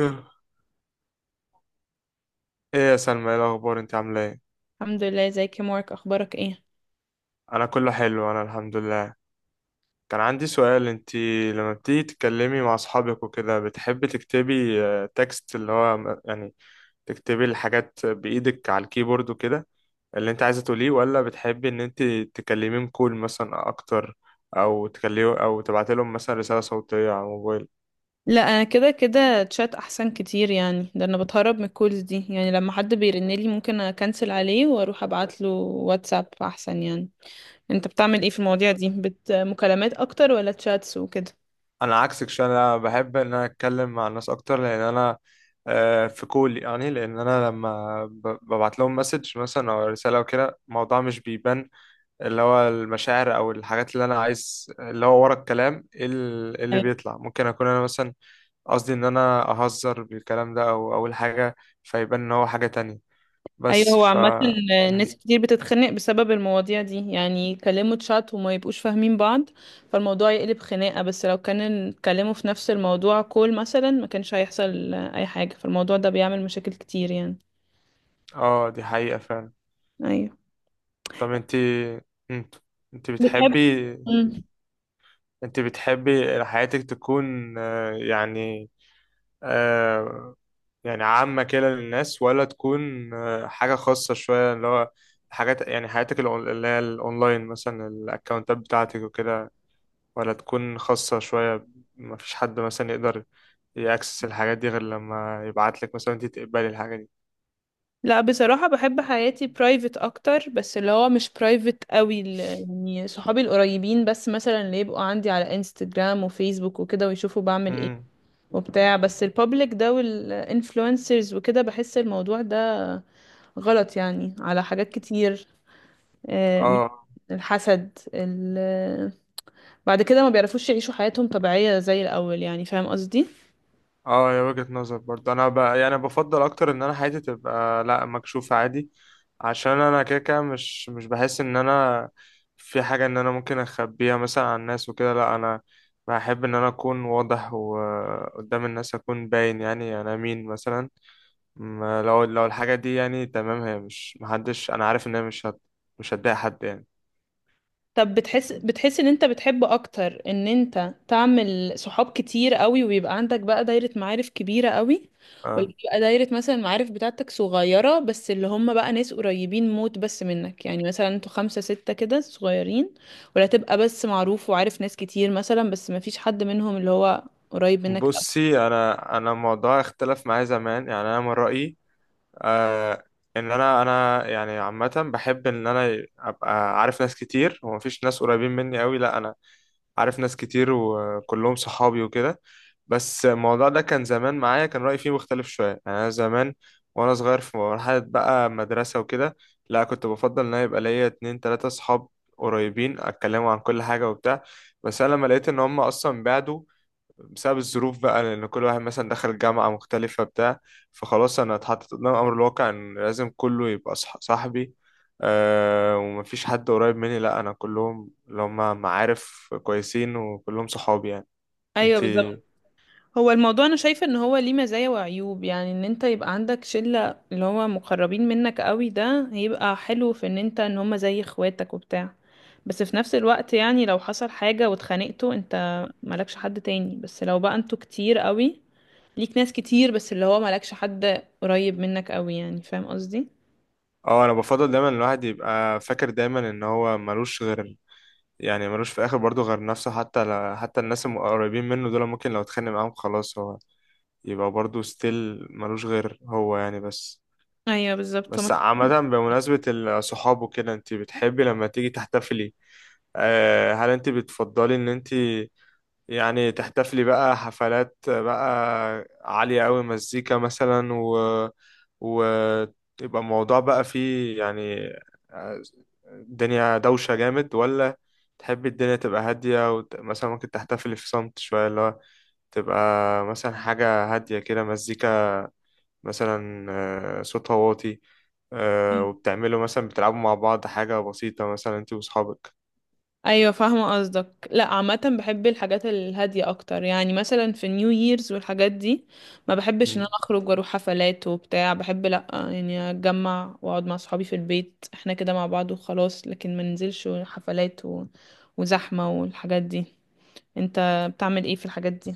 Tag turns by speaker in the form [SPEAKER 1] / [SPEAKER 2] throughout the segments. [SPEAKER 1] ايه، يا سلمى ايه الاخبار؟ انت عامله ايه؟
[SPEAKER 2] الحمد لله، ازيك يا مارك؟ اخبارك ايه؟
[SPEAKER 1] انا كله حلو، انا الحمد لله. كان عندي سؤال. لما بتيجي تتكلمي مع اصحابك وكده، بتحبي تكتبي تكست يعني تكتبي الحاجات بايدك على الكيبورد وكده اللي انت عايزه تقوليه، ولا بتحبي ان انت تكلميهم كول مثلا اكتر، او تكلمي او تبعتي لهم مثلا رساله صوتيه على الموبايل؟
[SPEAKER 2] لا انا كده كده تشات احسن كتير، يعني ده انا بتهرب من الكولز دي. يعني لما حد بيرنلي ممكن اكنسل عليه واروح ابعت له واتساب احسن يعني. انت بتعمل ايه في المواضيع دي؟ بت مكالمات اكتر ولا تشاتس وكده؟
[SPEAKER 1] عكسك شويه، بحب ان انا اتكلم مع الناس اكتر، لان انا في كول. يعني لان لما ببعت لهم مسج مثلا او رساله او كده، الموضوع مش بيبان، اللي هو المشاعر او الحاجات اللي انا عايز اللي هو ورا الكلام إيه اللي
[SPEAKER 2] ايوه.
[SPEAKER 1] بيطلع. ممكن اكون انا مثلا قصدي ان انا اهزر بالكلام ده او اقول حاجه فيبان ان هو حاجه تانية.
[SPEAKER 2] أيوة،
[SPEAKER 1] بس
[SPEAKER 2] هو
[SPEAKER 1] ف
[SPEAKER 2] عامة
[SPEAKER 1] م.
[SPEAKER 2] ناس كتير بتتخنق بسبب المواضيع دي، يعني يكلموا تشات وما يبقوش فاهمين بعض فالموضوع يقلب خناقة. بس لو كان اتكلموا في نفس الموضوع كول مثلا ما كانش هيحصل اي حاجة. فالموضوع ده بيعمل مشاكل كتير يعني.
[SPEAKER 1] اه دي حقيقه فعلا.
[SPEAKER 2] ايوه.
[SPEAKER 1] طب انت انت
[SPEAKER 2] بتحب.
[SPEAKER 1] بتحبي
[SPEAKER 2] مم.
[SPEAKER 1] انت بتحبي حياتك تكون آه، يعني عامة كده للناس، ولا تكون حاجة خاصة شوية، اللي هو حاجات يعني حياتك الأون- اللي هي الأونلاين مثلا، الأكونتات بتاعتك وكده، ولا تكون خاصة شوية مفيش حد مثلا يقدر يأكسس الحاجات دي غير لما يبعتلك مثلا انت تقبلي الحاجة دي؟
[SPEAKER 2] لا بصراحة بحب حياتي برايفت أكتر، بس اللي هو مش برايفت قوي ال- يعني صحابي القريبين بس، مثلا اللي يبقوا عندي على انستجرام وفيسبوك وكده ويشوفوا بعمل ايه
[SPEAKER 1] مم.
[SPEAKER 2] وبتاع. بس البابليك ده والانفلونسرز وكده بحس الموضوع ده غلط يعني على حاجات كتير. آه،
[SPEAKER 1] اه،
[SPEAKER 2] الحسد ال... بعد كده ما بيعرفوش يعيشوا حياتهم طبيعية زي الأول. يعني فاهم قصدي؟
[SPEAKER 1] اه يا وجهة نظر برضه. انا يعني بفضل اكتر ان انا حياتي تبقى لا مكشوفة عادي، عشان انا كده كده مش بحس ان انا في حاجة ان انا ممكن اخبيها مثلا عن الناس وكده. لا انا بحب ان انا اكون واضح، وقدام الناس اكون باين يعني انا مين مثلا. ما لو لو الحاجة دي يعني تمام، هي مش، محدش، انا عارف ان هي مش هت... مش هتضايق حد يعني.
[SPEAKER 2] طب بتحس بتحس ان انت بتحب اكتر ان انت تعمل صحاب كتير قوي ويبقى عندك بقى دايرة معارف كبيرة قوي، ولا
[SPEAKER 1] اه،
[SPEAKER 2] بتبقى دايرة مثلا المعارف بتاعتك صغيرة بس اللي هم بقى ناس قريبين موت بس منك؟ يعني مثلا انتوا خمسة ستة كده صغيرين، ولا تبقى بس معروف وعارف ناس كتير مثلا بس ما فيش حد منهم اللي هو قريب منك قوي؟
[SPEAKER 1] بصي، انا الموضوع اختلف معايا زمان. يعني انا من رأيي آه ان انا يعني عامه بحب ان انا ابقى عارف ناس كتير. هو مفيش ناس قريبين مني قوي، لا انا عارف ناس كتير وكلهم صحابي وكده. بس الموضوع ده كان زمان معايا كان رايي فيه مختلف شويه. يعني انا زمان وانا صغير في مرحله بقى مدرسه وكده، لا كنت بفضل ان انا يبقى ليا اتنين تلاته صحاب قريبين اتكلموا عن كل حاجه وبتاع. بس انا لما لقيت ان هم اصلا بعدوا بسبب الظروف بقى، لأن كل واحد مثلا دخل جامعة مختلفة بتاع فخلاص أنا اتحطيت قدام أمر الواقع إن لازم كله يبقى صح صاحبي. أه، ومفيش حد قريب مني، لأ، أنا كلهم اللي هم معارف كويسين وكلهم صحابي يعني.
[SPEAKER 2] ايوه بالظبط.
[SPEAKER 1] انتي؟
[SPEAKER 2] هو الموضوع انا شايفه ان هو ليه مزايا وعيوب، يعني ان انت يبقى عندك شله اللي هو مقربين منك قوي ده هيبقى حلو في ان انت ان هما زي اخواتك وبتاع، بس في نفس الوقت يعني لو حصل حاجه واتخانقتوا انت مالكش حد تاني. بس لو بقى انتوا كتير قوي ليك ناس كتير بس اللي هو مالكش حد قريب منك قوي، يعني فاهم قصدي؟
[SPEAKER 1] اه، أنا بفضل دايما الواحد يبقى فاكر دايما إن هو ملوش غير، يعني ملوش في الآخر برضه غير نفسه. حتى الناس القريبين منه دول ممكن لو اتخانق معاهم خلاص، هو يبقى برضه ستيل ملوش غير هو يعني. بس،
[SPEAKER 2] ايوه بالظبط. هو
[SPEAKER 1] بس عامة بمناسبة الصحاب وكده، انت بتحبي لما تيجي تحتفلي، هل انت بتفضلي ان انت يعني تحتفلي بقى حفلات بقى عالية قوي، مزيكا مثلا، و ويبقى الموضوع بقى فيه يعني آه، الدنيا دوشة جامد؟ ولا تحبي الدنيا تبقى هادية، ومثلا ممكن تحتفلي في صمت شوية، اللي هو تبقى مثلا حاجة هادية كده، مزيكا مثلا صوت واطي،
[SPEAKER 2] مفيش.
[SPEAKER 1] وبتعملوا مثلا بتلعبوا مع بعض حاجة بسيطة مثلا، انت واصحابك؟
[SPEAKER 2] ايوه فاهمه قصدك. لا عامه بحب الحاجات الهاديه اكتر، يعني مثلا في نيو ييرز والحاجات دي ما بحبش ان
[SPEAKER 1] مم.
[SPEAKER 2] انا اخرج واروح حفلات وبتاع. بحب لا يعني اتجمع واقعد مع صحابي في البيت احنا كده مع بعض وخلاص، لكن ما ننزلش حفلات و... وزحمه والحاجات دي. انت بتعمل ايه في الحاجات دي؟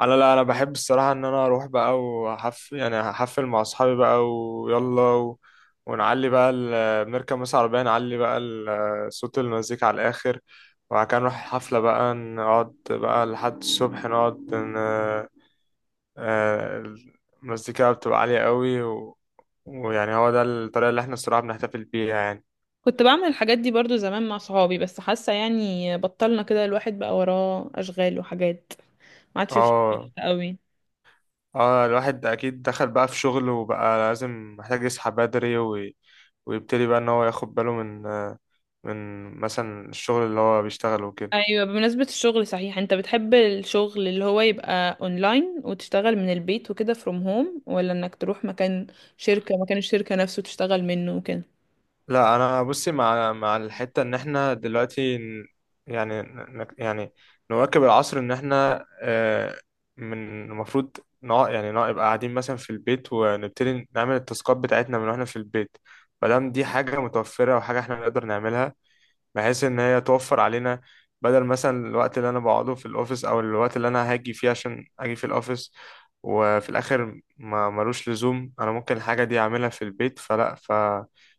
[SPEAKER 1] انا لا، انا بحب الصراحة ان انا اروح بقى وحف يعني هحفل مع اصحابي بقى ويلا، ونعلي بقى. بنركب مثلا عربية نعلي بقى صوت المزيكا على الاخر، وبعد كده نروح الحفلة بقى، نقعد بقى لحد الصبح، نقعد ن... آه، المزيكا بتبقى عالية قوي، و... ويعني هو ده الطريقة اللي احنا الصراحة بنحتفل بيها يعني.
[SPEAKER 2] كنت بعمل الحاجات دي برضو زمان مع صحابي، بس حاسه يعني بطلنا كده. الواحد بقى وراه اشغال وحاجات، ما عادش فيه
[SPEAKER 1] اه،
[SPEAKER 2] قوي.
[SPEAKER 1] اه، الواحد اكيد دخل بقى في شغل، وبقى لازم محتاج يصحى بدري ويبتدي بقى ان هو ياخد باله من من مثلا الشغل اللي هو بيشتغله وكده.
[SPEAKER 2] ايوه بمناسبة الشغل، صحيح انت بتحب الشغل اللي هو يبقى اونلاين وتشتغل من البيت وكده فروم هوم، ولا انك تروح مكان شركة مكان الشركة نفسه تشتغل منه وكده؟
[SPEAKER 1] لا انا، بصي، مع الحتة ان احنا دلوقتي يعني ن- نك- يعني نواكب العصر، ان احنا من المفروض نبقى قاعدين مثلا في البيت ونبتدي نعمل التاسكات بتاعتنا من واحنا في البيت، مادام دي حاجة متوفرة وحاجة احنا نقدر نعملها، بحيث ان هي توفر علينا بدل مثلا الوقت اللي انا بقعده في الاوفيس، او الوقت اللي انا هاجي فيه عشان اجي في الاوفيس، وفي الاخر ما ملوش لزوم. انا ممكن الحاجة دي اعملها في البيت،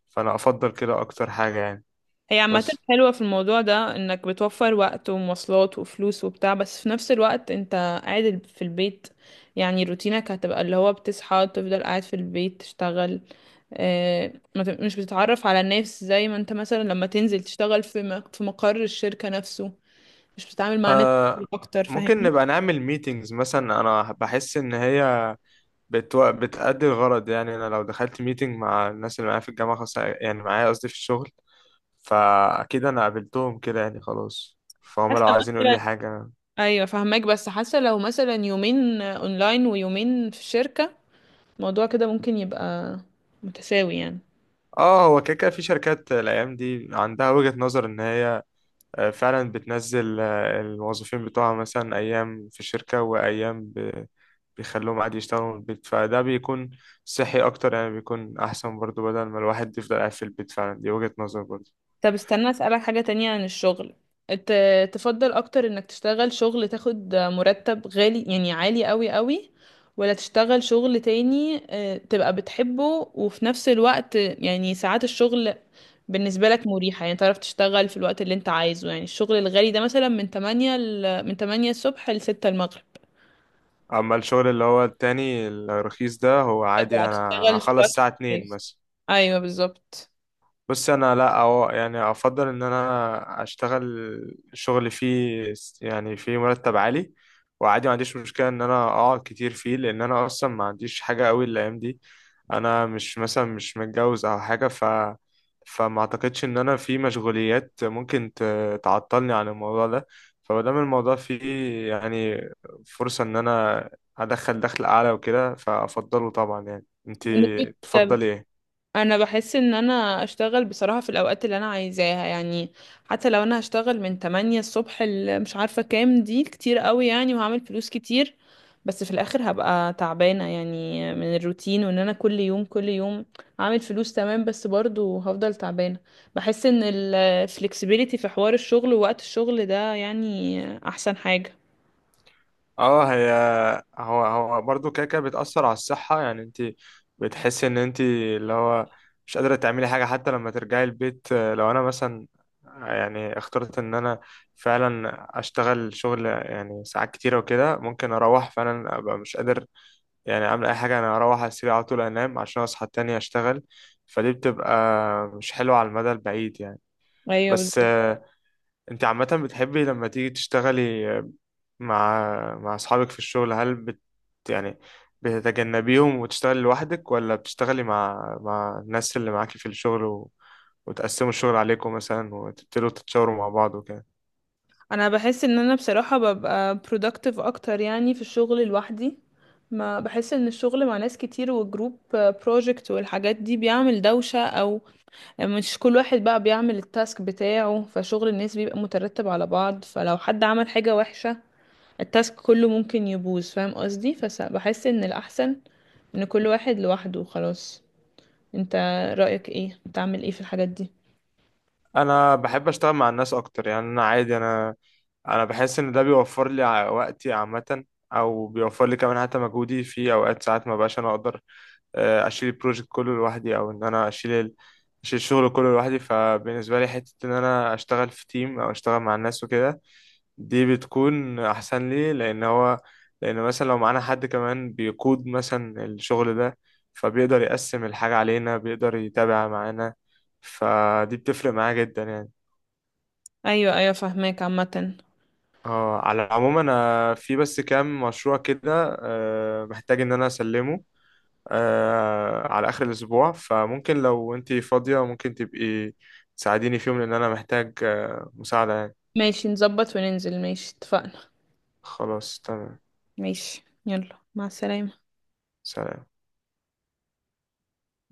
[SPEAKER 1] فانا افضل كده اكتر حاجة يعني.
[SPEAKER 2] هي عامة
[SPEAKER 1] بس
[SPEAKER 2] حلوة في الموضوع ده انك بتوفر وقت ومواصلات وفلوس وبتاع، بس في نفس الوقت انت قاعد في البيت. يعني روتينك هتبقى اللي هو بتصحى تفضل قاعد في البيت تشتغل، ما ت- مش بتتعرف على الناس زي ما انت مثلا لما تنزل تشتغل في مق- في مقر الشركة نفسه. مش بتتعامل مع ناس
[SPEAKER 1] آه
[SPEAKER 2] كتير اكتر،
[SPEAKER 1] ممكن
[SPEAKER 2] فاهمني؟
[SPEAKER 1] نبقى نعمل ميتينجز مثلا. انا بحس ان هي بتأدي الغرض. يعني انا لو دخلت ميتينج مع الناس اللي معايا في الجامعة، خاصة يعني معايا قصدي في الشغل، فاكيد انا قابلتهم كده يعني، خلاص فهم
[SPEAKER 2] حاسه
[SPEAKER 1] لو عايزين يقول
[SPEAKER 2] مثلا.
[SPEAKER 1] لي حاجة.
[SPEAKER 2] ايوه فاهماك، بس حاسه لو مثلا يومين اونلاين ويومين في الشركه الموضوع كده ممكن يبقى متساوي يعني.
[SPEAKER 1] اه، هو كده كده في شركات الايام دي عندها وجهة نظر ان هي فعلا بتنزل الموظفين بتوعها مثلا ايام في الشركة وايام بيخلوهم عادي يشتغلوا من البيت، فده بيكون صحي اكتر يعني، بيكون احسن برضو بدل ما الواحد يفضل قاعد في البيت فعلا. دي وجهة نظر برضو.
[SPEAKER 2] طب استنى اسالك حاجه تانية عن الشغل. ت... تفضل اكتر انك تشتغل شغل تاخد مرتب غالي يعني عالي قوي قوي، ولا تشتغل شغل تاني تبقى بتحبه وفي نفس الوقت يعني ساعات الشغل بالنسبة لك مريحة، يعني تعرف تشتغل في الوقت اللي انت عايزه؟ يعني الشغل الغالي ده مثلا من 8 ل... من 8 الصبح ل 6 المغرب،
[SPEAKER 1] اما الشغل اللي هو التاني الرخيص ده، هو عادي انا
[SPEAKER 2] هتشتغل في
[SPEAKER 1] هخلص
[SPEAKER 2] الوقت اللي
[SPEAKER 1] الساعة 2
[SPEAKER 2] عايزه.
[SPEAKER 1] مثلا.
[SPEAKER 2] ايوه بالظبط.
[SPEAKER 1] بس انا لا، أو يعني افضل ان انا اشتغل شغل فيه فيه مرتب عالي، وعادي ما عنديش مشكله ان انا اقعد كتير فيه، لان انا اصلا ما عنديش حاجه قوي الايام دي. انا مش مثلا مش متجوز او حاجه، فما اعتقدش ان انا في مشغوليات ممكن تعطلني عن الموضوع ده. فمادام الموضوع فيه يعني فرصه ان انا ادخل دخل اعلى وكده، فافضله طبعا يعني. انت
[SPEAKER 2] ونسبة
[SPEAKER 1] تفضلي ايه؟
[SPEAKER 2] انا بحس ان انا اشتغل بصراحة في الاوقات اللي انا عايزاها يعني. حتى لو انا هشتغل من 8 الصبح ل مش عارفة كام دي كتير قوي يعني، وهعمل فلوس كتير، بس في الاخر هبقى تعبانة يعني من الروتين وان انا كل يوم كل يوم. هعمل فلوس تمام بس برضو هفضل تعبانة. بحس ان ال flexibility في حوار الشغل ووقت الشغل ده يعني احسن حاجة.
[SPEAKER 1] اه، هي هو هو برضو كده كده بتأثر على الصحة يعني. انت بتحسي ان انت اللي هو مش قادرة تعملي حاجة حتى لما ترجعي البيت. لو انا مثلا يعني اخترت ان انا فعلا اشتغل شغل يعني ساعات كتيرة وكده، ممكن اروح فعلا ابقى مش قادر يعني اعمل اي حاجة، انا اروح على السرير على طول انام عشان اصحى تاني اشتغل. فدي بتبقى مش حلوة على المدى البعيد يعني.
[SPEAKER 2] ايوه
[SPEAKER 1] بس
[SPEAKER 2] بالظبط.
[SPEAKER 1] انت عامة بتحبي لما تيجي تشتغلي مع اصحابك في الشغل؟ هل بت يعني بتتجنبيهم وتشتغلي لوحدك، ولا بتشتغلي مع الناس اللي معاكي في الشغل، وتقسموا الشغل عليكم مثلا، وتبتدوا تتشاوروا مع بعض وكده؟
[SPEAKER 2] انا بحس ان انا بصراحة ببقى productive اكتر يعني في الشغل لوحدي. ما بحس ان الشغل مع ناس كتير والجروب project والحاجات دي بيعمل دوشة، او يعني مش كل واحد بقى بيعمل التاسك بتاعه فشغل الناس بيبقى مترتب على بعض، فلو حد عمل حاجة وحشة التاسك كله ممكن يبوظ، فاهم قصدي؟ فبحس ان الاحسن ان كل واحد لوحده خلاص. انت رأيك ايه؟ بتعمل ايه في الحاجات دي؟
[SPEAKER 1] انا بحب اشتغل مع الناس اكتر يعني. انا عادي انا انا بحس ان ده بيوفر لي وقتي عامه، او بيوفر لي كمان حتى مجهودي في اوقات. ساعات ما بقاش انا اقدر اشيل البروجكت كله لوحدي، او ان انا اشيل الشغل كله لوحدي. فبالنسبه لي حته ان انا اشتغل في تيم او اشتغل مع الناس وكده، دي بتكون احسن لي، لان هو، لان مثلا لو معانا حد كمان بيقود مثلا الشغل ده، فبيقدر يقسم الحاجة علينا، بيقدر يتابع معانا، فدي بتفرق معاه جدا يعني.
[SPEAKER 2] ايوه ايوه فاهماك عامة.
[SPEAKER 1] اه، على العموم انا في بس كام مشروع كده محتاج ان انا اسلمه على اخر الاسبوع، فممكن لو انتي فاضية ممكن تبقي تساعديني فيهم، لان انا محتاج مساعدة يعني.
[SPEAKER 2] ماشي نظبط وننزل، ماشي اتفقنا.
[SPEAKER 1] خلاص تمام.
[SPEAKER 2] ماشي يلا، مع السلامة.
[SPEAKER 1] سلام.